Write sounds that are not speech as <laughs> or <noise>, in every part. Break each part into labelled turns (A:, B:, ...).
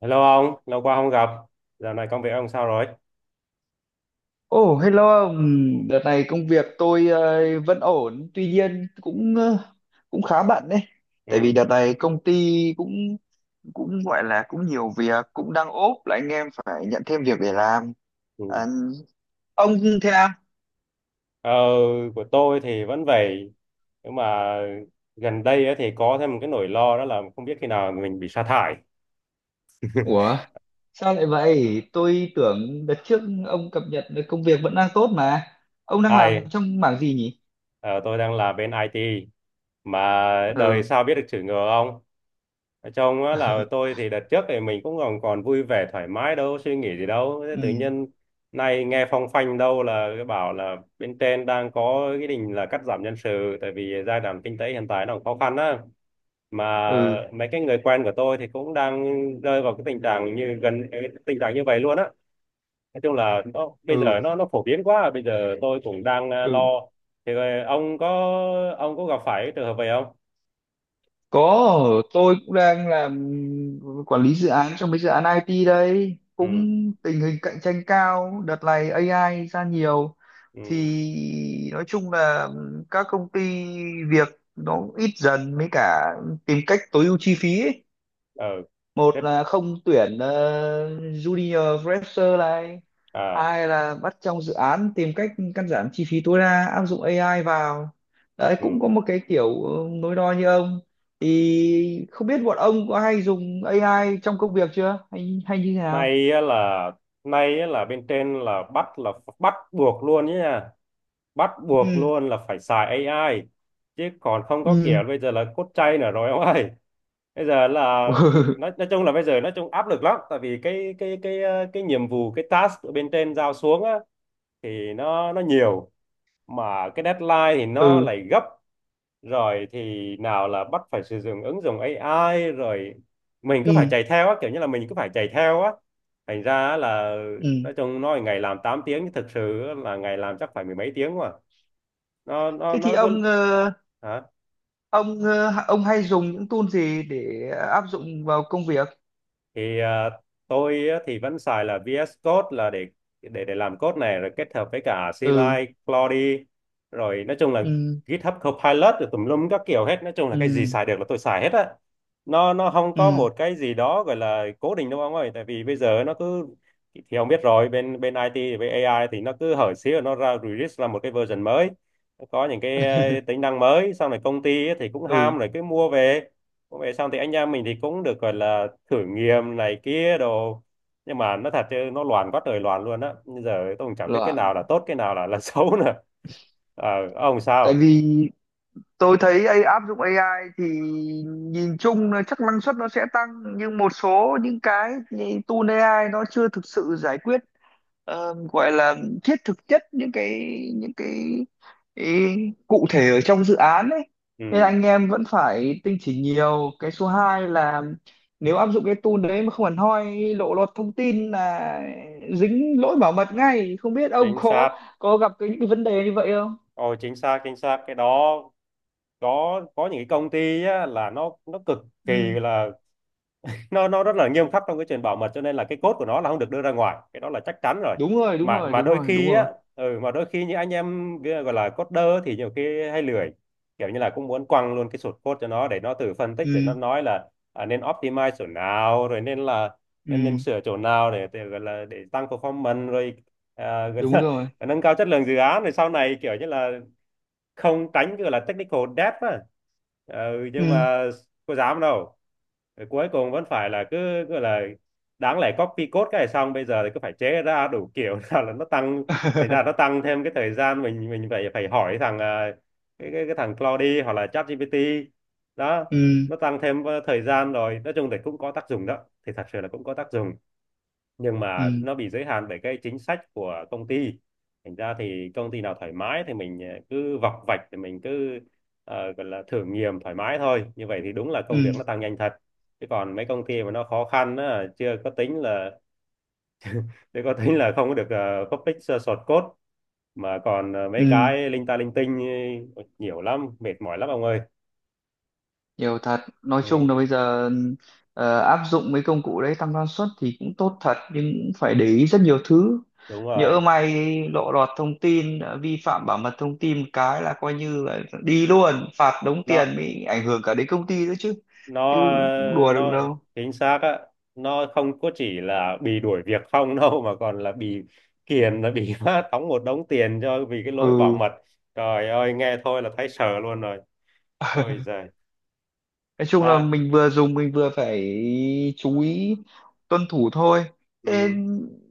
A: Hello ông, lâu quá không gặp. Dạo này công việc ông sao rồi?
B: Ồ, hello ông. Đợt này công việc tôi vẫn ổn, tuy nhiên cũng cũng khá bận đấy. Tại vì
A: Ừ.
B: đợt này công ty cũng cũng gọi là cũng nhiều việc, cũng đang ốp là anh em phải nhận thêm việc để làm.
A: ừ.
B: À, ông thế à?
A: Ờ, của tôi thì vẫn vậy. Nhưng mà gần đây á thì có thêm một cái nỗi lo, đó là không biết khi nào mình bị sa thải.
B: Ủa, sao lại vậy? Tôi tưởng đợt trước ông cập nhật được công việc vẫn đang tốt mà. Ông đang làm
A: Ai,
B: trong mảng gì nhỉ?
A: ờ, tôi đang là bên IT, mà đời
B: Ừ.
A: sao biết được chữ ngờ ông? Trong á là
B: <laughs>
A: tôi thì đợt trước thì mình cũng còn còn vui vẻ thoải mái, đâu suy nghĩ gì đâu. Thế
B: Ừ,
A: tự nhiên nay nghe phong phanh đâu là cái bảo là bên trên đang có cái định là cắt giảm nhân sự, tại vì giai đoạn kinh tế hiện tại nó cũng khó khăn á, mà
B: ừ,
A: mấy cái người quen của tôi thì cũng đang rơi vào cái tình trạng như gần cái tình trạng như vậy luôn á. Nói chung là nó bây giờ
B: ừ.
A: nó phổ biến quá, bây giờ tôi cũng đang lo.
B: Ừ.
A: Thì ông có gặp phải cái trường hợp vậy không?
B: Có, tôi cũng đang làm quản lý dự án trong mấy dự án IT đây. Cũng
A: Ừ.
B: tình hình cạnh tranh cao, đợt này AI ra nhiều.
A: Ừ.
B: Thì nói chung là các công ty việc nó ít dần, với cả tìm cách tối ưu chi phí ấy.
A: Ờ
B: Một
A: thế
B: là không tuyển junior fresher này,
A: à.
B: hai là bắt trong dự án tìm cách cắt giảm chi phí tối đa, áp dụng AI vào đấy.
A: Ừ.
B: Cũng có một cái kiểu nối đo như ông, thì không biết bọn ông có hay dùng AI trong công việc chưa, hay hay như thế nào?
A: nay á là Nay á là bên trên là bắt buộc luôn nhé nha, bắt buộc
B: Ừ.
A: luôn là phải xài AI, chứ còn không có
B: Ừ.
A: kiểu bây giờ là cốt chay nữa rồi ông ơi. Bây giờ là
B: <laughs>
A: nói chung là bây giờ nói chung áp lực lắm, tại vì cái nhiệm vụ, cái task ở bên trên giao xuống á thì nó nhiều, mà cái deadline thì nó
B: Ừ.
A: lại gấp, rồi thì nào là bắt phải sử dụng ứng dụng AI rồi mình cứ phải
B: Ừ.
A: chạy theo á, kiểu như là mình cứ phải chạy theo á, thành ra á là
B: Ừ.
A: nói chung nói ngày làm 8 tiếng nhưng thực sự á là ngày làm chắc phải mười mấy tiếng, mà nó nó
B: Thế thì
A: nó cứ
B: ông
A: hả.
B: ông hay dùng những tool gì để áp dụng vào công việc?
A: Thì tôi á, thì vẫn xài là VS Code là để để làm code này, rồi kết hợp với cả
B: Ừ.
A: CLI, Claude rồi nói chung là
B: Ừ.
A: GitHub Copilot rồi tùm lum các kiểu hết, nói chung là
B: Ừ.
A: cái gì xài được là tôi xài hết á. Nó không có
B: Ừ.
A: một cái gì đó gọi là cố định đâu ông ơi, tại vì bây giờ nó cứ thì ông biết rồi, bên bên IT với AI thì nó cứ hở xíu là nó ra release ra một cái version mới, nó có những cái tính
B: <laughs>
A: năng mới, xong rồi công ty ấy thì cũng
B: Ừ.
A: ham rồi cứ mua về cũng vậy, xong thì anh em mình thì cũng được gọi là thử nghiệm này kia đồ. Nhưng mà nó thật chứ nó loạn quá trời loạn luôn á, bây giờ tôi cũng chẳng biết cái
B: Loạn.
A: nào là tốt cái nào là <laughs> xấu nữa. Ờ, ông
B: Tại
A: sao.
B: vì tôi thấy AI, áp dụng AI thì nhìn chung là chắc năng suất nó sẽ tăng, nhưng một số những cái như tool AI nó chưa thực sự giải quyết gọi là thiết thực chất những cái, cái cụ thể ở trong dự án ấy. Nên
A: Ừ
B: anh em vẫn phải tinh chỉnh nhiều. Cái số 2 là nếu áp dụng cái tool đấy mà không hẳn hoi, lộ lọt thông tin là dính lỗi bảo mật ngay. Không biết ông
A: chính xác.
B: có gặp những cái vấn đề như vậy không?
A: Ôi chính xác, chính xác cái đó. Có những cái công ty á, là nó cực kỳ
B: Ừ.
A: là nó rất là nghiêm khắc trong cái chuyện bảo mật, cho nên là cái code của nó là không được đưa ra ngoài, cái đó là chắc chắn rồi. mà mà đôi
B: Đúng
A: khi
B: rồi.
A: á, ừ, mà đôi khi những anh em gọi là coder thì nhiều khi hay lười, kiểu như là cũng muốn quăng luôn cái source code cho nó để nó tự phân tích, để nó
B: Ừ.
A: nói là nên optimize chỗ nào, rồi nên là nên nên
B: Ừ.
A: sửa chỗ nào để gọi là để tăng performance rồi gọi
B: Đúng
A: là
B: rồi.
A: <laughs> nâng cao chất lượng dự án, rồi sau này kiểu như là không tránh cái gọi là technical debt á. Ừ, nhưng
B: Ừ.
A: mà có dám đâu, rồi cuối cùng vẫn phải là cứ gọi là đáng lẽ copy code cái này xong bây giờ thì cứ phải chế ra đủ kiểu <laughs> nào là nó tăng, thành ra nó
B: <laughs>
A: tăng thêm cái thời gian, mình phải phải hỏi thằng cái thằng Claude hoặc là ChatGPT đó.
B: Ừ.
A: Nó tăng thêm thời gian, rồi nói chung thì cũng có tác dụng đó, thì thật sự là cũng có tác dụng. Nhưng mà
B: Ừ.
A: nó bị giới hạn bởi cái chính sách của công ty, thành ra thì công ty nào thoải mái thì mình cứ vọc vạch, thì mình cứ gọi là thử nghiệm thoải mái thôi, như vậy thì đúng là
B: Ừ.
A: công việc nó tăng nhanh thật. Chứ còn mấy công ty mà nó khó khăn á, chưa có tính là không có được, public source code, mà còn
B: Ừ.
A: mấy cái linh ta linh tinh, nhiều lắm, mệt mỏi lắm ông ơi.
B: Nhiều thật. Nói chung
A: Ừ,
B: là bây giờ áp dụng mấy công cụ đấy tăng năng suất thì cũng tốt thật, nhưng cũng phải để ý rất nhiều thứ.
A: đúng rồi
B: Nhỡ may lộ lọt thông tin, vi phạm bảo mật thông tin một cái là coi như là đi luôn, phạt đống tiền,
A: đó.
B: mới ảnh hưởng cả đến công ty nữa chứ.
A: nó
B: Chứ cũng đùa được
A: nó
B: đâu.
A: chính xác á, nó không có chỉ là bị đuổi việc không <laughs> đâu, mà còn là bị kiềm là bị <laughs> phát đóng một đống tiền cho vì cái lỗi bảo
B: Ừ.
A: mật. Trời ơi nghe thôi là thấy sợ luôn rồi. Ôi giời.
B: Nói chung là
A: À,
B: mình vừa dùng mình vừa phải chú ý tuân thủ thôi. Thế
A: ừ,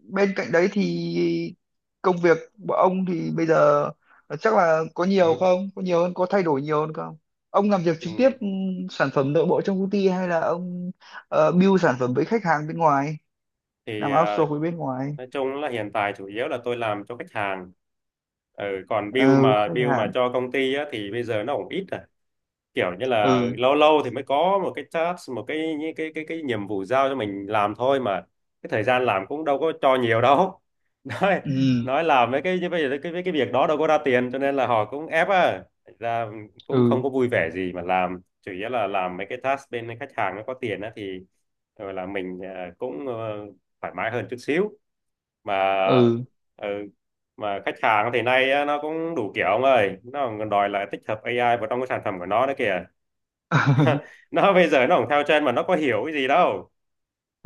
B: bên cạnh đấy thì công việc của ông thì bây giờ chắc là có nhiều
A: ừ,
B: không có nhiều hơn, có thay đổi nhiều hơn không? Ông làm việc
A: ừ.
B: trực tiếp ừ, sản phẩm nội bộ trong công ty, hay là ông build sản phẩm với khách hàng bên ngoài, làm
A: Thì
B: outsource với bên ngoài?
A: nói chung là hiện tại chủ yếu là tôi làm cho khách hàng. Ừ, còn
B: Ừ, khách
A: bill mà
B: hàng.
A: cho công ty á, thì bây giờ nó cũng ít à, kiểu như là
B: Ừ.
A: lâu lâu thì mới có một cái task, một cái cái nhiệm vụ giao cho mình làm thôi mà. Cái thời gian làm cũng đâu có cho nhiều đâu. <laughs> nói
B: Ừ.
A: nói làm mấy cái như bây giờ cái việc đó đâu có ra tiền, cho nên là họ cũng ép à ra, cũng
B: Ừ.
A: không có vui vẻ gì mà làm. Chủ yếu là làm mấy cái task bên khách hàng nó có tiền á, thì gọi là mình cũng thoải mái hơn chút xíu mà.
B: Ừ.
A: Ừ, mà khách hàng thì nay á, nó cũng đủ kiểu ông ơi, nó còn đòi lại tích hợp AI vào trong cái sản phẩm của nó nữa kìa.
B: <laughs>
A: Nó <laughs> bây giờ nó cũng theo trend mà nó có hiểu cái gì đâu,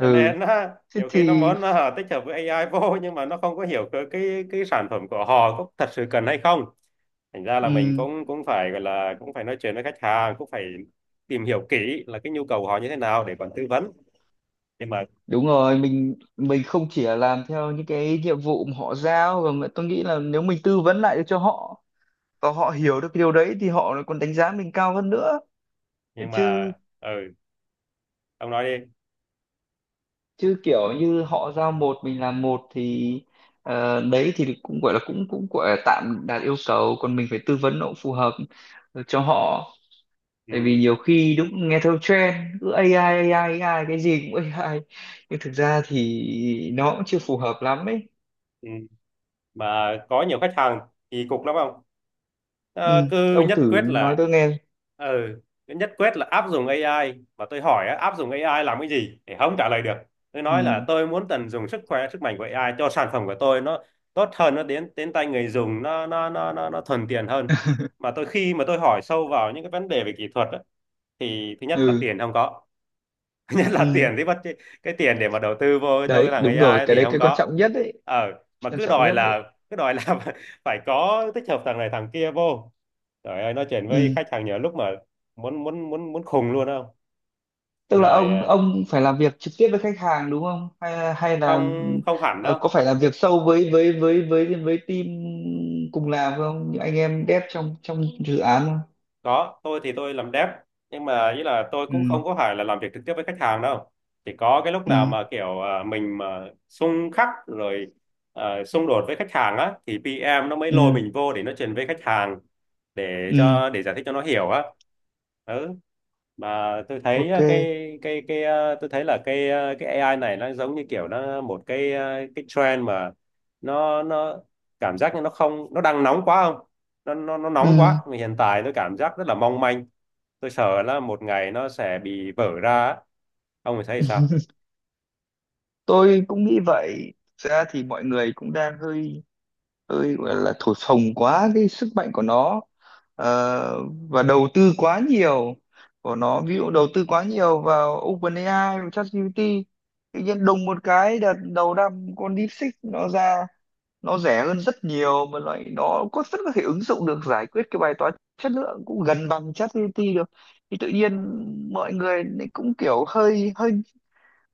A: cho nên á,
B: Thế
A: nhiều khi nó
B: thì.
A: muốn tích hợp với AI vô, nhưng mà nó không có hiểu cái cái sản phẩm của họ có thật sự cần hay không. Thành ra là mình
B: Ừ.
A: cũng cũng phải gọi là cũng phải nói chuyện với khách hàng, cũng phải tìm hiểu kỹ là cái nhu cầu của họ như thế nào để còn tư vấn. nhưng mà
B: Đúng rồi, mình không chỉ là làm theo những cái nhiệm vụ mà họ giao, và mà tôi nghĩ là nếu mình tư vấn lại được cho họ và họ hiểu được cái điều đấy thì họ lại còn đánh giá mình cao hơn nữa.
A: nhưng mà
B: Chứ
A: ừ, ông nói đi.
B: chứ kiểu như họ giao một mình làm một thì đấy thì cũng gọi là cũng cũng gọi là tạm đạt yêu cầu, còn mình phải tư vấn nó cũng phù hợp cho họ. Tại vì
A: Ừ.
B: nhiều khi đúng nghe theo trend, cứ AI AI AI, cái gì cũng AI, nhưng thực ra thì nó cũng chưa phù hợp lắm ấy.
A: ừ. Mà có nhiều khách hàng thì cục lắm không,
B: Ừ.
A: Ờ, cứ
B: Ông
A: nhất
B: thử
A: quyết
B: nói
A: là
B: tôi nghe.
A: ừ, cứ nhất quyết là áp dụng AI. Mà tôi hỏi á, áp dụng AI làm cái gì thì không trả lời được. Tôi nói là
B: Ừ.
A: tôi muốn tận dụng sức mạnh của AI cho sản phẩm của tôi, nó tốt hơn, nó đến đến tay người dùng nó thuận tiện hơn. Mà tôi khi mà tôi hỏi sâu vào những cái vấn đề về kỹ thuật á, thì thứ nhất là
B: Ừ.
A: tiền không có. <laughs> Nhất là
B: Ừ.
A: tiền thì bắt cái tiền để mà đầu tư vô cho cái
B: Đấy,
A: thằng AI
B: đúng rồi,
A: ấy
B: cái
A: thì
B: đấy
A: không
B: cái quan
A: có.
B: trọng nhất đấy.
A: Ờ mà
B: Quan trọng nhất đấy.
A: cứ đòi là <laughs> phải có tích hợp thằng này thằng kia vô. Trời ơi nói chuyện với
B: Ừ.
A: khách hàng nhiều lúc mà muốn muốn muốn muốn khùng luôn không.
B: Tức là
A: Rồi
B: ông phải làm việc trực tiếp với khách hàng đúng không, hay hay
A: không
B: là
A: không hẳn đâu.
B: có phải làm việc sâu với team cùng làm không, những anh em dev trong trong dự án không?
A: Có, tôi thì tôi làm dev, nhưng mà ý là tôi
B: Ừ.
A: cũng không có phải là làm việc trực tiếp với khách hàng đâu. Chỉ có cái lúc
B: Ừ.
A: nào mà kiểu mình mà xung khắc rồi xung đột với khách hàng á, thì PM nó mới lôi
B: Ừ.
A: mình vô để nó truyền với khách hàng, để
B: Ừ.
A: cho để giải thích cho nó hiểu á. Ừ. Mà tôi thấy
B: Ok.
A: tôi thấy là cái AI này nó giống như kiểu nó một cái cái trend mà, nó cảm giác như nó đang nóng quá không, nó nóng quá.
B: Ừ.
A: Mà hiện tại tôi cảm giác rất là mong manh, tôi sợ là một ngày nó sẽ bị vỡ ra á. Ông thì thấy sao?
B: <laughs> Tôi cũng nghĩ vậy. Thực ra thì mọi người cũng đang hơi, tôi gọi là thổi phồng quá cái sức mạnh của nó. Ờ, và đầu tư quá nhiều của nó, ví dụ đầu tư quá nhiều vào OpenAI và ChatGPT, tự nhiên đùng một cái đợt đầu năm con DeepSeek nó ra, nó rẻ hơn rất nhiều mà loại nó có rất có thể ứng dụng được, giải quyết cái bài toán chất lượng cũng gần bằng ChatGPT được. Thì tự nhiên mọi người lại cũng kiểu hơi hơi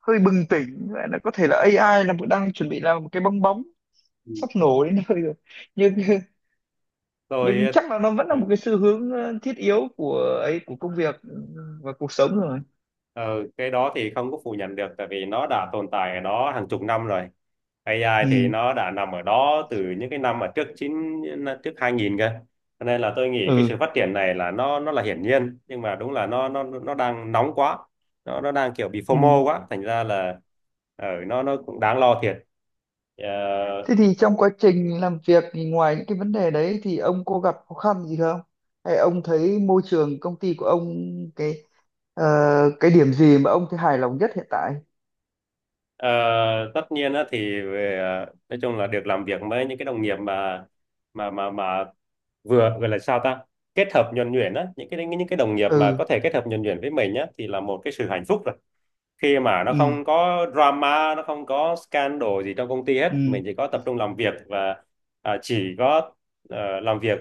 B: hơi bừng tỉnh, gọi là có thể là AI là đang chuẩn bị làm một cái bong bóng
A: Ừ.
B: sắp nổ đến nơi rồi. Nhưng <laughs>
A: Tôi
B: nhưng
A: ừ,
B: chắc là nó vẫn là một cái xu hướng thiết yếu của ấy, của công việc và cuộc sống rồi.
A: ừ, cái đó thì không có phủ nhận được, tại vì nó đã tồn tại ở đó hàng chục năm rồi. AI thì
B: Ừ.
A: nó đã nằm ở đó từ những cái năm mà trước 2000 cơ, cho nên là tôi nghĩ cái
B: Ừ.
A: sự phát triển này là nó là hiển nhiên, nhưng mà đúng là nó đang nóng quá, nó đang kiểu bị phô
B: Ừ.
A: mô quá, thành ra là ở nó cũng đáng lo thiệt. Ờ,
B: Thế thì trong quá trình làm việc thì ngoài những cái vấn đề đấy thì ông có gặp khó khăn gì không, hay ông thấy môi trường công ty của ông cái ờ, cái điểm gì mà ông thấy hài lòng nhất hiện tại?
A: Ờ, tất nhiên á thì về nói chung là được làm việc với những cái đồng nghiệp mà mà mà mà vừa gọi là sao ta, kết hợp nhuần nhuyễn á, những cái đồng nghiệp mà
B: Ừ.
A: có thể kết hợp nhuần nhuyễn với mình á thì là một cái sự hạnh phúc rồi. Khi mà nó
B: Ừ.
A: không có drama, nó không có scandal gì trong công ty hết,
B: Ừ.
A: mình chỉ có tập trung làm việc và chỉ có làm việc,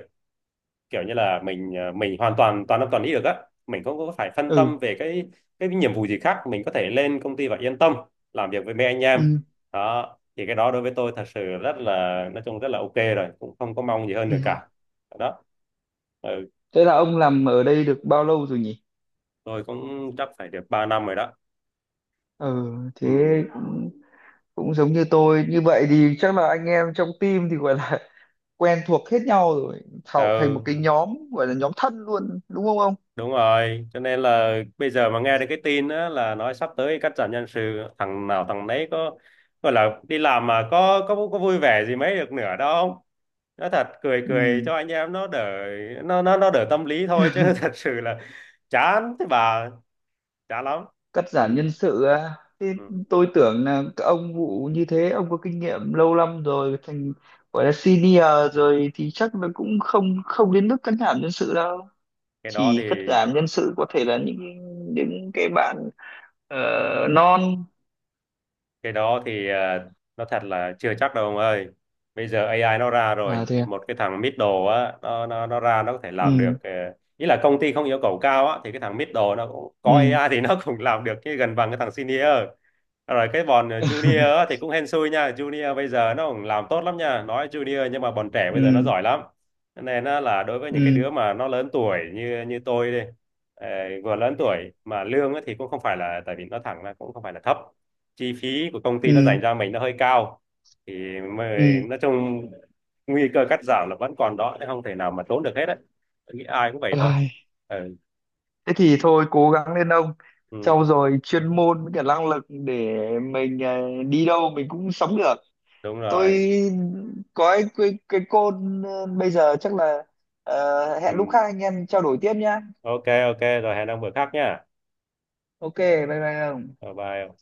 A: kiểu như là mình mình hoàn toàn toàn tâm toàn ý được á, mình không có phải phân
B: Ừ.
A: tâm về cái nhiệm vụ gì khác, mình có thể lên công ty và yên tâm làm việc với mấy anh em
B: Ừ.
A: đó. Thì cái đó đối với tôi thật sự rất là nói chung rất là ok rồi, cũng không có mong gì hơn
B: Ừ.
A: nữa cả. Đó ừ,
B: Thế là ông làm ở đây được bao lâu rồi nhỉ?
A: tôi cũng chắc phải được 3 năm rồi đó.
B: Ừ. Thế
A: Ừ.
B: cũng cũng giống như tôi. Như vậy thì chắc là anh em trong team thì gọi là quen thuộc hết nhau rồi, tạo thành một
A: Ừ
B: cái nhóm gọi là nhóm thân luôn đúng không ông?
A: đúng rồi, cho nên là bây giờ mà nghe được cái tin á, là nói sắp tới cắt giảm nhân sự, thằng nào thằng nấy có gọi là đi làm mà có vui vẻ gì mấy được nữa đâu. Nói thật cười cười
B: Ừ.
A: cho anh em nó đỡ, nó đỡ tâm lý thôi, chứ <laughs> thật
B: <laughs>
A: sự là chán thế bà, chán lắm.
B: Cắt
A: Ừ,
B: giảm nhân sự à? Thế
A: ừ.
B: tôi tưởng là các ông vụ như thế, ông có kinh nghiệm lâu năm rồi thành gọi là senior rồi thì chắc là cũng không không đến mức cắt giảm nhân sự đâu.
A: cái đó
B: Chỉ cắt
A: thì
B: giảm nhân sự có thể là những cái bạn ờ, non.
A: cái đó thì nó thật là chưa chắc đâu ông ơi. Bây giờ AI nó ra
B: À
A: rồi,
B: thế à.
A: một cái thằng Middle á, nó ra nó có thể làm
B: Ừ.
A: được ý là công ty không yêu cầu cao á, thì cái thằng Middle nó cũng có
B: Ừ.
A: AI thì nó cũng làm được cái gần bằng cái thằng Senior. Rồi cái bọn Junior
B: <laughs>
A: á, thì cũng hên xui nha, Junior bây giờ nó cũng làm tốt lắm nha, nói Junior nhưng mà bọn trẻ bây giờ nó
B: Ừ.
A: giỏi lắm. Cho nên á, là đối với những cái
B: Ừ.
A: đứa mà nó lớn tuổi như như tôi đi, ờ, vừa lớn tuổi mà lương á thì cũng không phải là, tại vì nó thẳng là cũng không phải là thấp, chi phí của công ty nó dành
B: Ừ.
A: cho mình nó hơi cao, thì
B: Ừ.
A: mới, nói chung nguy cơ cắt giảm là vẫn còn đó chứ không thể nào mà trốn được hết đấy. Tôi nghĩ ai cũng vậy thôi.
B: Ôi.
A: Ừ,
B: Thế thì thôi cố gắng lên ông,
A: ừ
B: sau rồi chuyên môn với cả năng lực để mình đi đâu mình cũng sống được.
A: đúng
B: Tôi
A: rồi.
B: có cái bây giờ chắc là
A: Ừ.
B: hẹn lúc khác anh em trao đổi tiếp nhá.
A: Ok, ok rồi, hẹn ông bữa khác nhá.
B: Ok, bye bye ông.
A: Bye bye.